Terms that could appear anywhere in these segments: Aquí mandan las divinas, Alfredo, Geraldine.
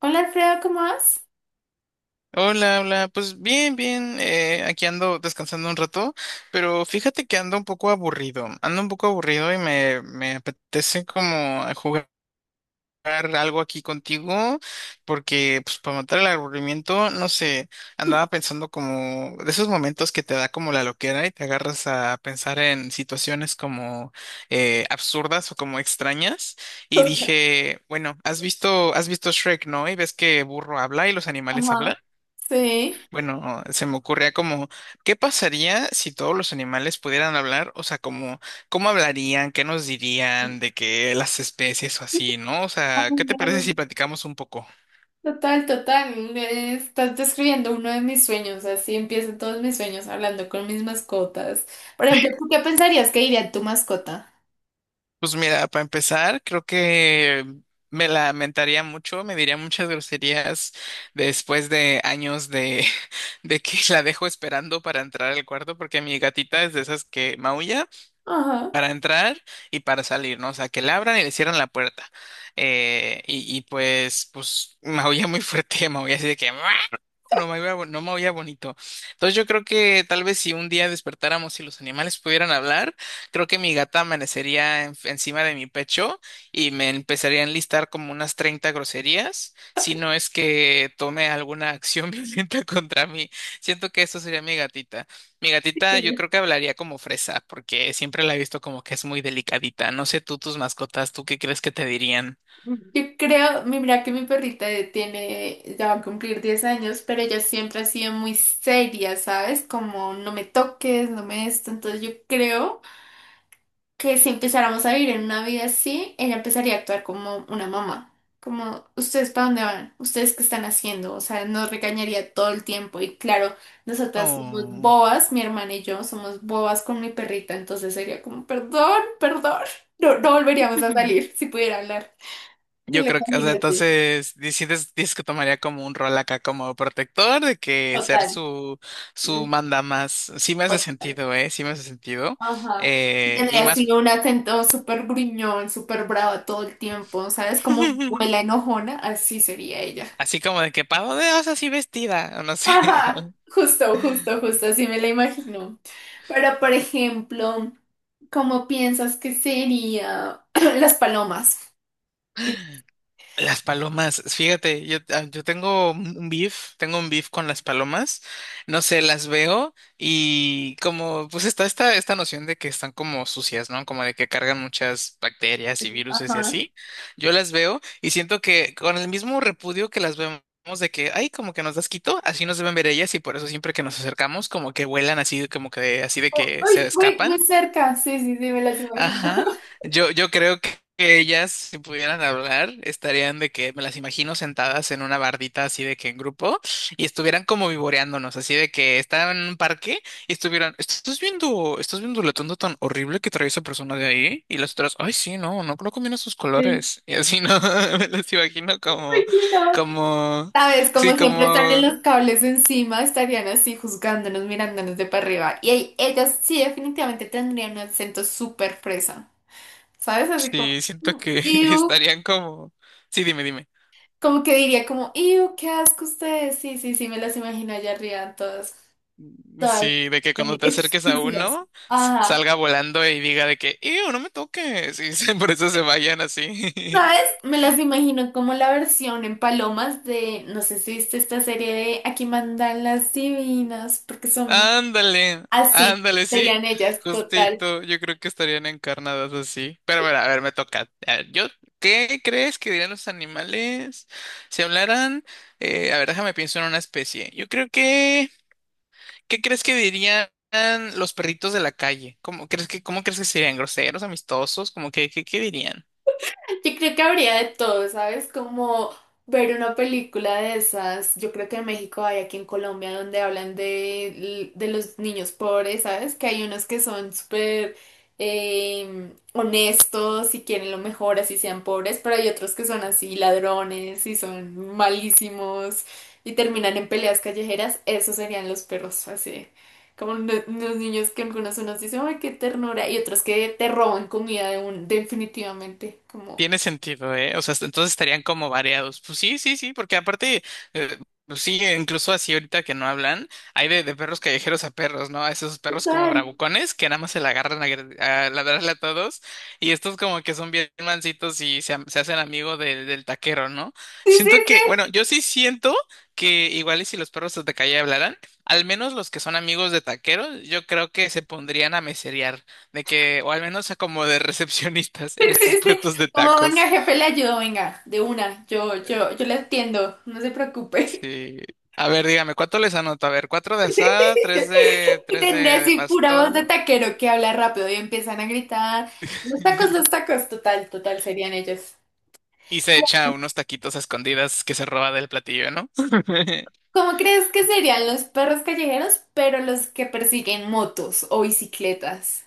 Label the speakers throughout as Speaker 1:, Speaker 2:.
Speaker 1: Hola, Alfredo, ¿cómo vas?
Speaker 2: Hola, hola, pues bien, aquí ando descansando un rato, pero fíjate que ando un poco aburrido, ando un poco aburrido y me apetece como jugar algo aquí contigo, porque pues para matar el aburrimiento, no sé, andaba pensando como de esos momentos que te da como la loquera y te agarras a pensar en situaciones como absurdas o como extrañas y dije, bueno, has visto Shrek, ¿no? Y ves que burro habla y los animales
Speaker 1: Ajá,
Speaker 2: hablan.
Speaker 1: sí.
Speaker 2: Bueno, se me ocurría como, ¿qué pasaría si todos los animales pudieran hablar? O sea, como, ¿cómo hablarían? ¿Qué nos dirían de que las especies o así, ¿no? O sea,
Speaker 1: Ay,
Speaker 2: ¿qué te parece si
Speaker 1: no.
Speaker 2: platicamos un poco?
Speaker 1: Total, total. Me Estás describiendo uno de mis sueños. Así empiezan todos mis sueños hablando con mis mascotas. Por ejemplo, ¿tú qué pensarías que diría tu mascota?
Speaker 2: Pues mira, para empezar, creo que me lamentaría mucho, me diría muchas groserías después de de que la dejo esperando para entrar al cuarto, porque mi gatita es de esas que maulla
Speaker 1: Ajá.
Speaker 2: para entrar y para salir, ¿no? O sea, que le abran y le cierran la puerta. Y pues, maulla muy fuerte, maulla así de que "Meow", no me oía, no me oía bonito. Entonces yo creo que tal vez si un día despertáramos y los animales pudieran hablar, creo que mi gata amanecería encima de mi pecho y me empezaría a enlistar como unas 30 groserías, si no es que tome alguna acción violenta contra mí. Siento que eso sería mi gatita. Mi
Speaker 1: Sí, qué
Speaker 2: gatita yo
Speaker 1: lindo.
Speaker 2: creo que hablaría como fresa, porque siempre la he visto como que es muy delicadita. No sé tú, tus mascotas, ¿tú qué crees que te dirían?
Speaker 1: Yo creo, mira que mi perrita tiene, ya va a cumplir 10 años, pero ella siempre ha sido muy seria, ¿sabes? Como no me toques, no me esto. Entonces yo creo que si empezáramos a vivir en una vida así, ella empezaría a actuar como una mamá. Como, ¿ustedes para dónde van? ¿Ustedes qué están haciendo? O sea, nos regañaría todo el tiempo. Y claro, nosotras somos
Speaker 2: Oh.
Speaker 1: bobas, mi hermana y yo somos bobas con mi perrita. Entonces sería como, perdón, perdón. No, no volveríamos a salir si pudiera hablar. Me
Speaker 2: Yo
Speaker 1: lo
Speaker 2: creo que, o sea,
Speaker 1: imagínate.
Speaker 2: entonces, dices que tomaría como un rol acá como protector, de que ser
Speaker 1: Total.
Speaker 2: su, su
Speaker 1: Mm.
Speaker 2: manda más. Sí me hace
Speaker 1: Total.
Speaker 2: sentido, ¿eh? Sí me hace sentido.
Speaker 1: Ajá. Y
Speaker 2: Eh,
Speaker 1: tendría
Speaker 2: y
Speaker 1: así
Speaker 2: más,
Speaker 1: un acento súper gruñón, súper bravo todo el tiempo, ¿sabes? Como una abuela enojona, así sería ella.
Speaker 2: así como de que pavo de osa así vestida, o no sé.
Speaker 1: Ajá, justo, justo, justo, así me la imagino. Pero, por ejemplo, ¿cómo piensas que sería las palomas?
Speaker 2: Las palomas, fíjate, yo tengo un beef, tengo un beef con las palomas, no sé, las veo y como pues está esta noción de que están como sucias, ¿no? Como de que cargan muchas bacterias y viruses y
Speaker 1: Ajá.
Speaker 2: así, yo las veo y siento que con el mismo repudio que las vemos de que, ay, como que nos da asquito, así nos deben ver ellas y por eso siempre que nos acercamos como que vuelan así, como que así de
Speaker 1: Oh,
Speaker 2: que se
Speaker 1: uy, muy, muy
Speaker 2: escapan.
Speaker 1: cerca, sí, sí, sí, me las imagino.
Speaker 2: Ajá. Yo creo que ellas, si pudieran hablar, estarían de que me las imagino sentadas en una bardita así de que en grupo y estuvieran como vivoreándonos, así de que estaban en un parque y estuvieran, estás viendo lo tonto tan horrible que trae esa persona de ahí? Y las otras, ay, sí, no, no, no combina sus
Speaker 1: Sí,
Speaker 2: colores. Y así no. Me las imagino
Speaker 1: me
Speaker 2: como,
Speaker 1: imagino.
Speaker 2: como,
Speaker 1: Sabes,
Speaker 2: sí,
Speaker 1: como siempre están en
Speaker 2: como,
Speaker 1: los cables encima, estarían así juzgándonos, mirándonos de para arriba. Y ahí, ellas sí definitivamente tendrían un acento súper fresa. ¿Sabes? Así como...
Speaker 2: sí, siento
Speaker 1: "Mm,
Speaker 2: que
Speaker 1: iu".
Speaker 2: estarían como, sí, dime, dime.
Speaker 1: Como que diría como, ¡Iu, qué asco ustedes! Sí, sí, sí, me las imagino allá arriba, todas, todas,
Speaker 2: Sí, de que cuando te acerques a
Speaker 1: exclusivas.
Speaker 2: uno,
Speaker 1: Ajá.
Speaker 2: salga volando y diga de que, ¡Ew, no me toques! Por eso se vayan así.
Speaker 1: ¿Sabes? Me las imagino como la versión en palomas de, no sé si viste esta serie de Aquí Mandan las Divinas, porque son
Speaker 2: Ándale,
Speaker 1: así,
Speaker 2: ándale, sí,
Speaker 1: serían ellas, total.
Speaker 2: justito. Yo creo que estarían encarnadas así. Pero mira, a ver, me toca. A ver, yo, ¿qué crees que dirían los animales si hablaran? A ver, déjame pienso en una especie. Yo creo que, ¿qué crees que dirían los perritos de la calle? Cómo crees que serían groseros, amistosos? ¿Cómo que, qué, qué dirían?
Speaker 1: Yo creo que habría de todo, ¿sabes? Como ver una película de esas. Yo creo que en México hay, aquí en Colombia, donde hablan de los niños pobres, ¿sabes? Que hay unos que son súper honestos y quieren lo mejor, así sean pobres, pero hay otros que son así ladrones y son malísimos y terminan en peleas callejeras. Esos serían los perros, así. Como los niños que algunos unos dicen, ay, qué ternura, y otros que te roban comida de un, definitivamente, como
Speaker 2: Tiene sentido, ¿eh? O sea, entonces estarían como variados. Pues sí, sí, sí, porque aparte, eh, pues sí, incluso así ahorita que no hablan, hay de perros callejeros a perros, ¿no? A esos perros como
Speaker 1: total.
Speaker 2: bravucones que nada más se la agarran a, a ladrarle a todos y estos como que son bien mancitos y se, se hacen amigo del taquero, ¿no?
Speaker 1: Sí, sí,
Speaker 2: Siento que, bueno,
Speaker 1: sí,
Speaker 2: yo sí siento que igual y si los perros de calle hablaran, al menos los que son amigos de taqueros, yo creo que se pondrían a meserear. De que, o al menos como de recepcionistas en estos
Speaker 1: sí, sí.
Speaker 2: puestos de
Speaker 1: Como venga,
Speaker 2: tacos.
Speaker 1: jefe, le ayudo, venga, de una, yo,
Speaker 2: Eh,
Speaker 1: yo, yo le entiendo, no se preocupe.
Speaker 2: Sí. A ver, dígame, ¿cuánto les anoto? A ver, cuatro de asada,
Speaker 1: Y tendré
Speaker 2: de
Speaker 1: así pura voz de
Speaker 2: pastor.
Speaker 1: taquero que habla rápido y empiezan a gritar, los tacos, total, total, serían ellos.
Speaker 2: Y se echa unos taquitos a escondidas que se roba del platillo, ¿no?
Speaker 1: ¿Cómo crees que serían los perros callejeros, pero los que persiguen motos o bicicletas?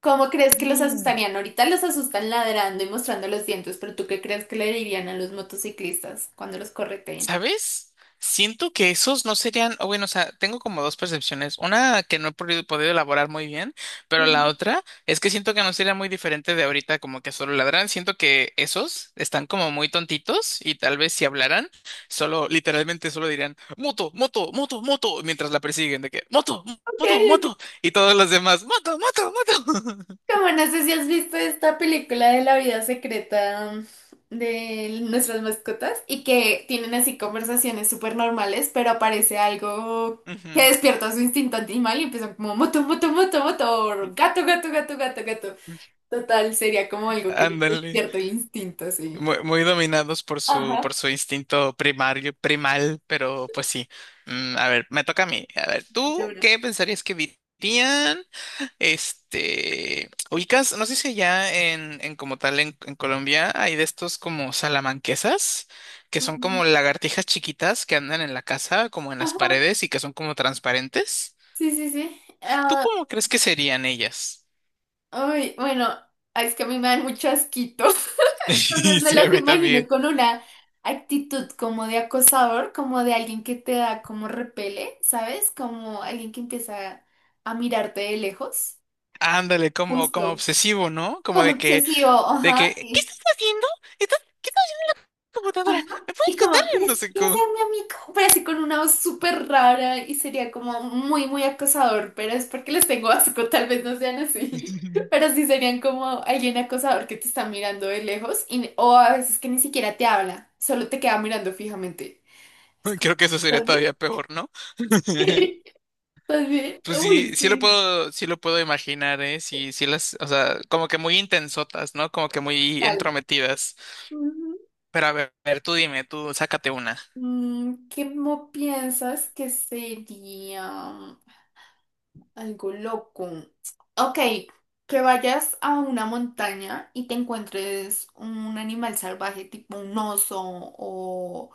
Speaker 1: ¿Cómo crees que los
Speaker 2: Mm.
Speaker 1: asustarían? Ahorita los asustan ladrando y mostrando los dientes, pero ¿tú qué crees que le dirían a los motociclistas cuando los correteen?
Speaker 2: ¿Sabes? Siento que esos no serían, o bueno, o sea, tengo como dos percepciones. Una que no he podido elaborar muy bien, pero
Speaker 1: Ujú.
Speaker 2: la otra es que siento que no sería muy diferente de ahorita, como que solo ladran. Siento que esos están como muy tontitos y tal vez si hablaran, solo, literalmente solo dirían, moto, moto, moto, moto, mientras la persiguen, de que, moto,
Speaker 1: Ok,
Speaker 2: moto,
Speaker 1: ok.
Speaker 2: moto, y todos los demás, moto, moto, moto.
Speaker 1: Como no sé si has visto esta película de La Vida Secreta, de Nuestras Mascotas, y que tienen así conversaciones súper normales, pero aparece algo que
Speaker 2: Ujú.
Speaker 1: despierta su instinto animal y empiezan como moto, moto, moto, moto, o gato, gato, gato, gato, gato. Total, sería como algo que le
Speaker 2: Ándale.
Speaker 1: despierta el instinto, sí.
Speaker 2: Muy, muy dominados por su instinto primario, primal, pero pues sí. Mm, a ver, me toca a mí. A ver, ¿tú qué pensarías que dirían? Este, ubicas, no sé si ya en como tal en Colombia hay de estos como salamanquesas, que son
Speaker 1: Ujú.
Speaker 2: como lagartijas chiquitas que andan en la casa, como en las
Speaker 1: Ajá,
Speaker 2: paredes y que son como transparentes.
Speaker 1: sí, sí, sí.
Speaker 2: ¿Tú
Speaker 1: Ah,
Speaker 2: cómo crees que serían ellas?
Speaker 1: uy, bueno, ay, es que a mí me dan mucho asquito. Entonces me
Speaker 2: Sí, a
Speaker 1: las
Speaker 2: mí
Speaker 1: imagino
Speaker 2: también.
Speaker 1: con una actitud como de acosador, como de alguien que te da como repele, ¿sabes? Como alguien que empieza a mirarte de lejos.
Speaker 2: Ándale, como, como
Speaker 1: Justo.
Speaker 2: obsesivo, ¿no? Como
Speaker 1: Como
Speaker 2: de que
Speaker 1: obsesivo,
Speaker 2: de que,
Speaker 1: ajá.
Speaker 2: ¿qué
Speaker 1: Y,
Speaker 2: estás haciendo? ¿Estás, qué tal la computadora?
Speaker 1: ajá.
Speaker 2: ¿Me puedes
Speaker 1: Y como,
Speaker 2: contar? No
Speaker 1: ¿quieres,
Speaker 2: sé
Speaker 1: quieres ser
Speaker 2: cómo.
Speaker 1: mi amigo? Pero así con una voz súper rara y sería como muy, muy acosador, pero es porque les tengo asco, tal vez no sean así. Pero sí serían como alguien acosador que te está mirando de lejos y, o a veces que ni siquiera te habla, solo te queda mirando fijamente. Es como,
Speaker 2: Creo que eso sería
Speaker 1: ¿estás bien?
Speaker 2: todavía peor, ¿no?
Speaker 1: ¿Estás bien?
Speaker 2: Pues
Speaker 1: Uy,
Speaker 2: sí,
Speaker 1: sí.
Speaker 2: sí lo puedo imaginar, ¿eh? Sí, sí las, o sea, como que muy intensotas, ¿no? Como que muy
Speaker 1: Vale.
Speaker 2: entrometidas.
Speaker 1: Ujú.
Speaker 2: Pero a ver, tú dime, tú sácate una.
Speaker 1: Mm, ¿cómo piensas que sería algo loco? Ok, que vayas a una montaña y te encuentres un animal salvaje, tipo un oso o,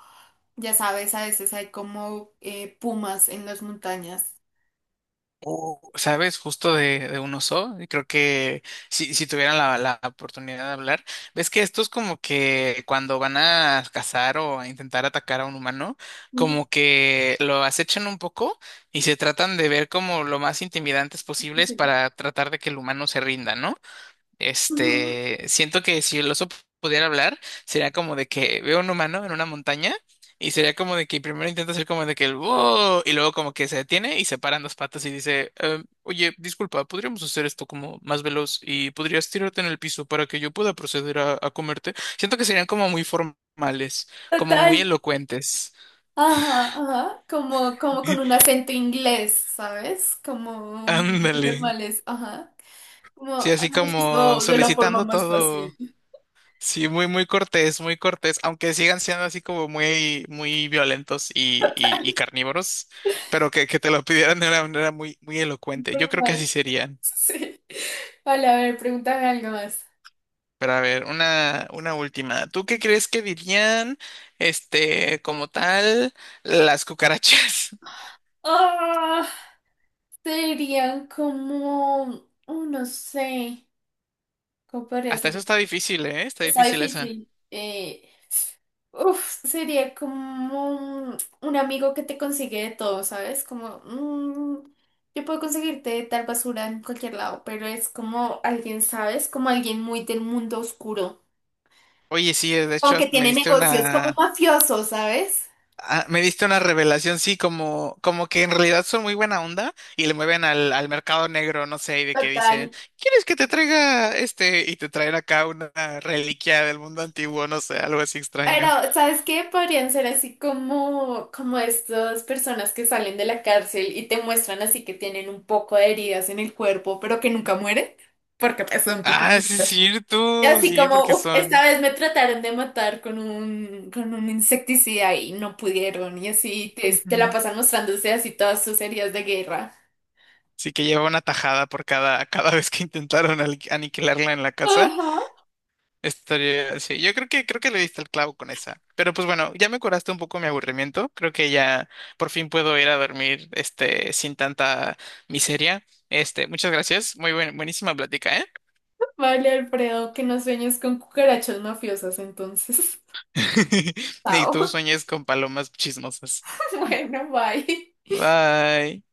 Speaker 1: ya sabes, a veces hay como pumas en las montañas.
Speaker 2: ¿Sabes? Justo de un oso. Y creo que si, si tuvieran la oportunidad de hablar, ves que estos como que cuando van a cazar o a intentar atacar a un humano,
Speaker 1: Ujú,
Speaker 2: como que lo acechan un poco y se tratan de ver como lo más intimidantes posibles
Speaker 1: sí.
Speaker 2: para tratar de que el humano se rinda, ¿no?
Speaker 1: Ujú.
Speaker 2: Este, siento que si el oso pudiera hablar, sería como de que veo un humano en una montaña y sería como de que primero intenta hacer como de que el wow y luego como que se detiene y se paran dos patas y dice, "Em, oye, disculpa, podríamos hacer esto como más veloz y podrías tirarte en el piso para que yo pueda proceder a comerte. Siento que serían como muy formales, como muy
Speaker 1: Total.
Speaker 2: elocuentes.
Speaker 1: Ajá, ajá, como, como con un acento inglés, ¿sabes? Como muy
Speaker 2: Ándale.
Speaker 1: formales, ajá. Como,
Speaker 2: Sí,
Speaker 1: ah,
Speaker 2: así
Speaker 1: pues
Speaker 2: como
Speaker 1: esto de la forma
Speaker 2: solicitando
Speaker 1: más fácil.
Speaker 2: todo. Sí, muy, muy cortés, aunque sigan siendo así como muy, muy violentos y carnívoros, pero que te lo pidieran de una manera muy, muy elocuente. Yo creo que así
Speaker 1: Formal,
Speaker 2: serían.
Speaker 1: sí. Vale, a ver, pregúntame algo más.
Speaker 2: Pero a ver, una última. ¿Tú qué crees que dirían, este, como tal, las cucarachas?
Speaker 1: Ah, serían como, oh, no sé, ¿cómo podría
Speaker 2: Hasta
Speaker 1: ser?
Speaker 2: eso está difícil, ¿eh? Está
Speaker 1: Está
Speaker 2: difícil esa.
Speaker 1: difícil. Uf, sería como un amigo que te consigue de todo, ¿sabes? Como, yo puedo conseguirte tal basura en cualquier lado, pero es como alguien, ¿sabes? Como alguien muy del mundo oscuro.
Speaker 2: Oye, sí, de hecho,
Speaker 1: Como que
Speaker 2: hasta me
Speaker 1: tiene
Speaker 2: diste
Speaker 1: negocios como
Speaker 2: una.
Speaker 1: mafioso, ¿sabes?
Speaker 2: Ah, me diste una revelación, sí, como, como que en realidad son muy buena onda y le mueven al mercado negro, no sé, y de que dicen,
Speaker 1: Total.
Speaker 2: ¿quieres que te traiga este? Y te traen acá una reliquia del mundo antiguo, no sé, algo así
Speaker 1: Pero,
Speaker 2: extraño.
Speaker 1: ¿sabes qué? Podrían ser así como, como estas personas que salen de la cárcel y te muestran así que tienen un poco de heridas en el cuerpo, pero que nunca mueren, porque pues, son
Speaker 2: Ah, sí es
Speaker 1: cucarachas. Y
Speaker 2: cierto,
Speaker 1: así
Speaker 2: sí,
Speaker 1: como,
Speaker 2: porque
Speaker 1: uff, esta
Speaker 2: son...
Speaker 1: vez me trataron de matar con un insecticida y no pudieron, y así te, te la pasan mostrándose así todas sus heridas de guerra.
Speaker 2: Sí que lleva una tajada por cada vez que intentaron aniquilarla en la casa.
Speaker 1: Ajá.
Speaker 2: Estaría, sí, yo creo que le diste el clavo con esa. Pero pues bueno, ya me curaste un poco mi aburrimiento. Creo que ya por fin puedo ir a dormir este sin tanta miseria. Este, muchas gracias. Muy buenísima plática, ¿eh?
Speaker 1: Vale, Alfredo, que no sueñes con cucarachas mafiosas entonces.
Speaker 2: Y
Speaker 1: Chao.
Speaker 2: tú sueñes con palomas chismosas.
Speaker 1: Bueno, bye.
Speaker 2: Bye.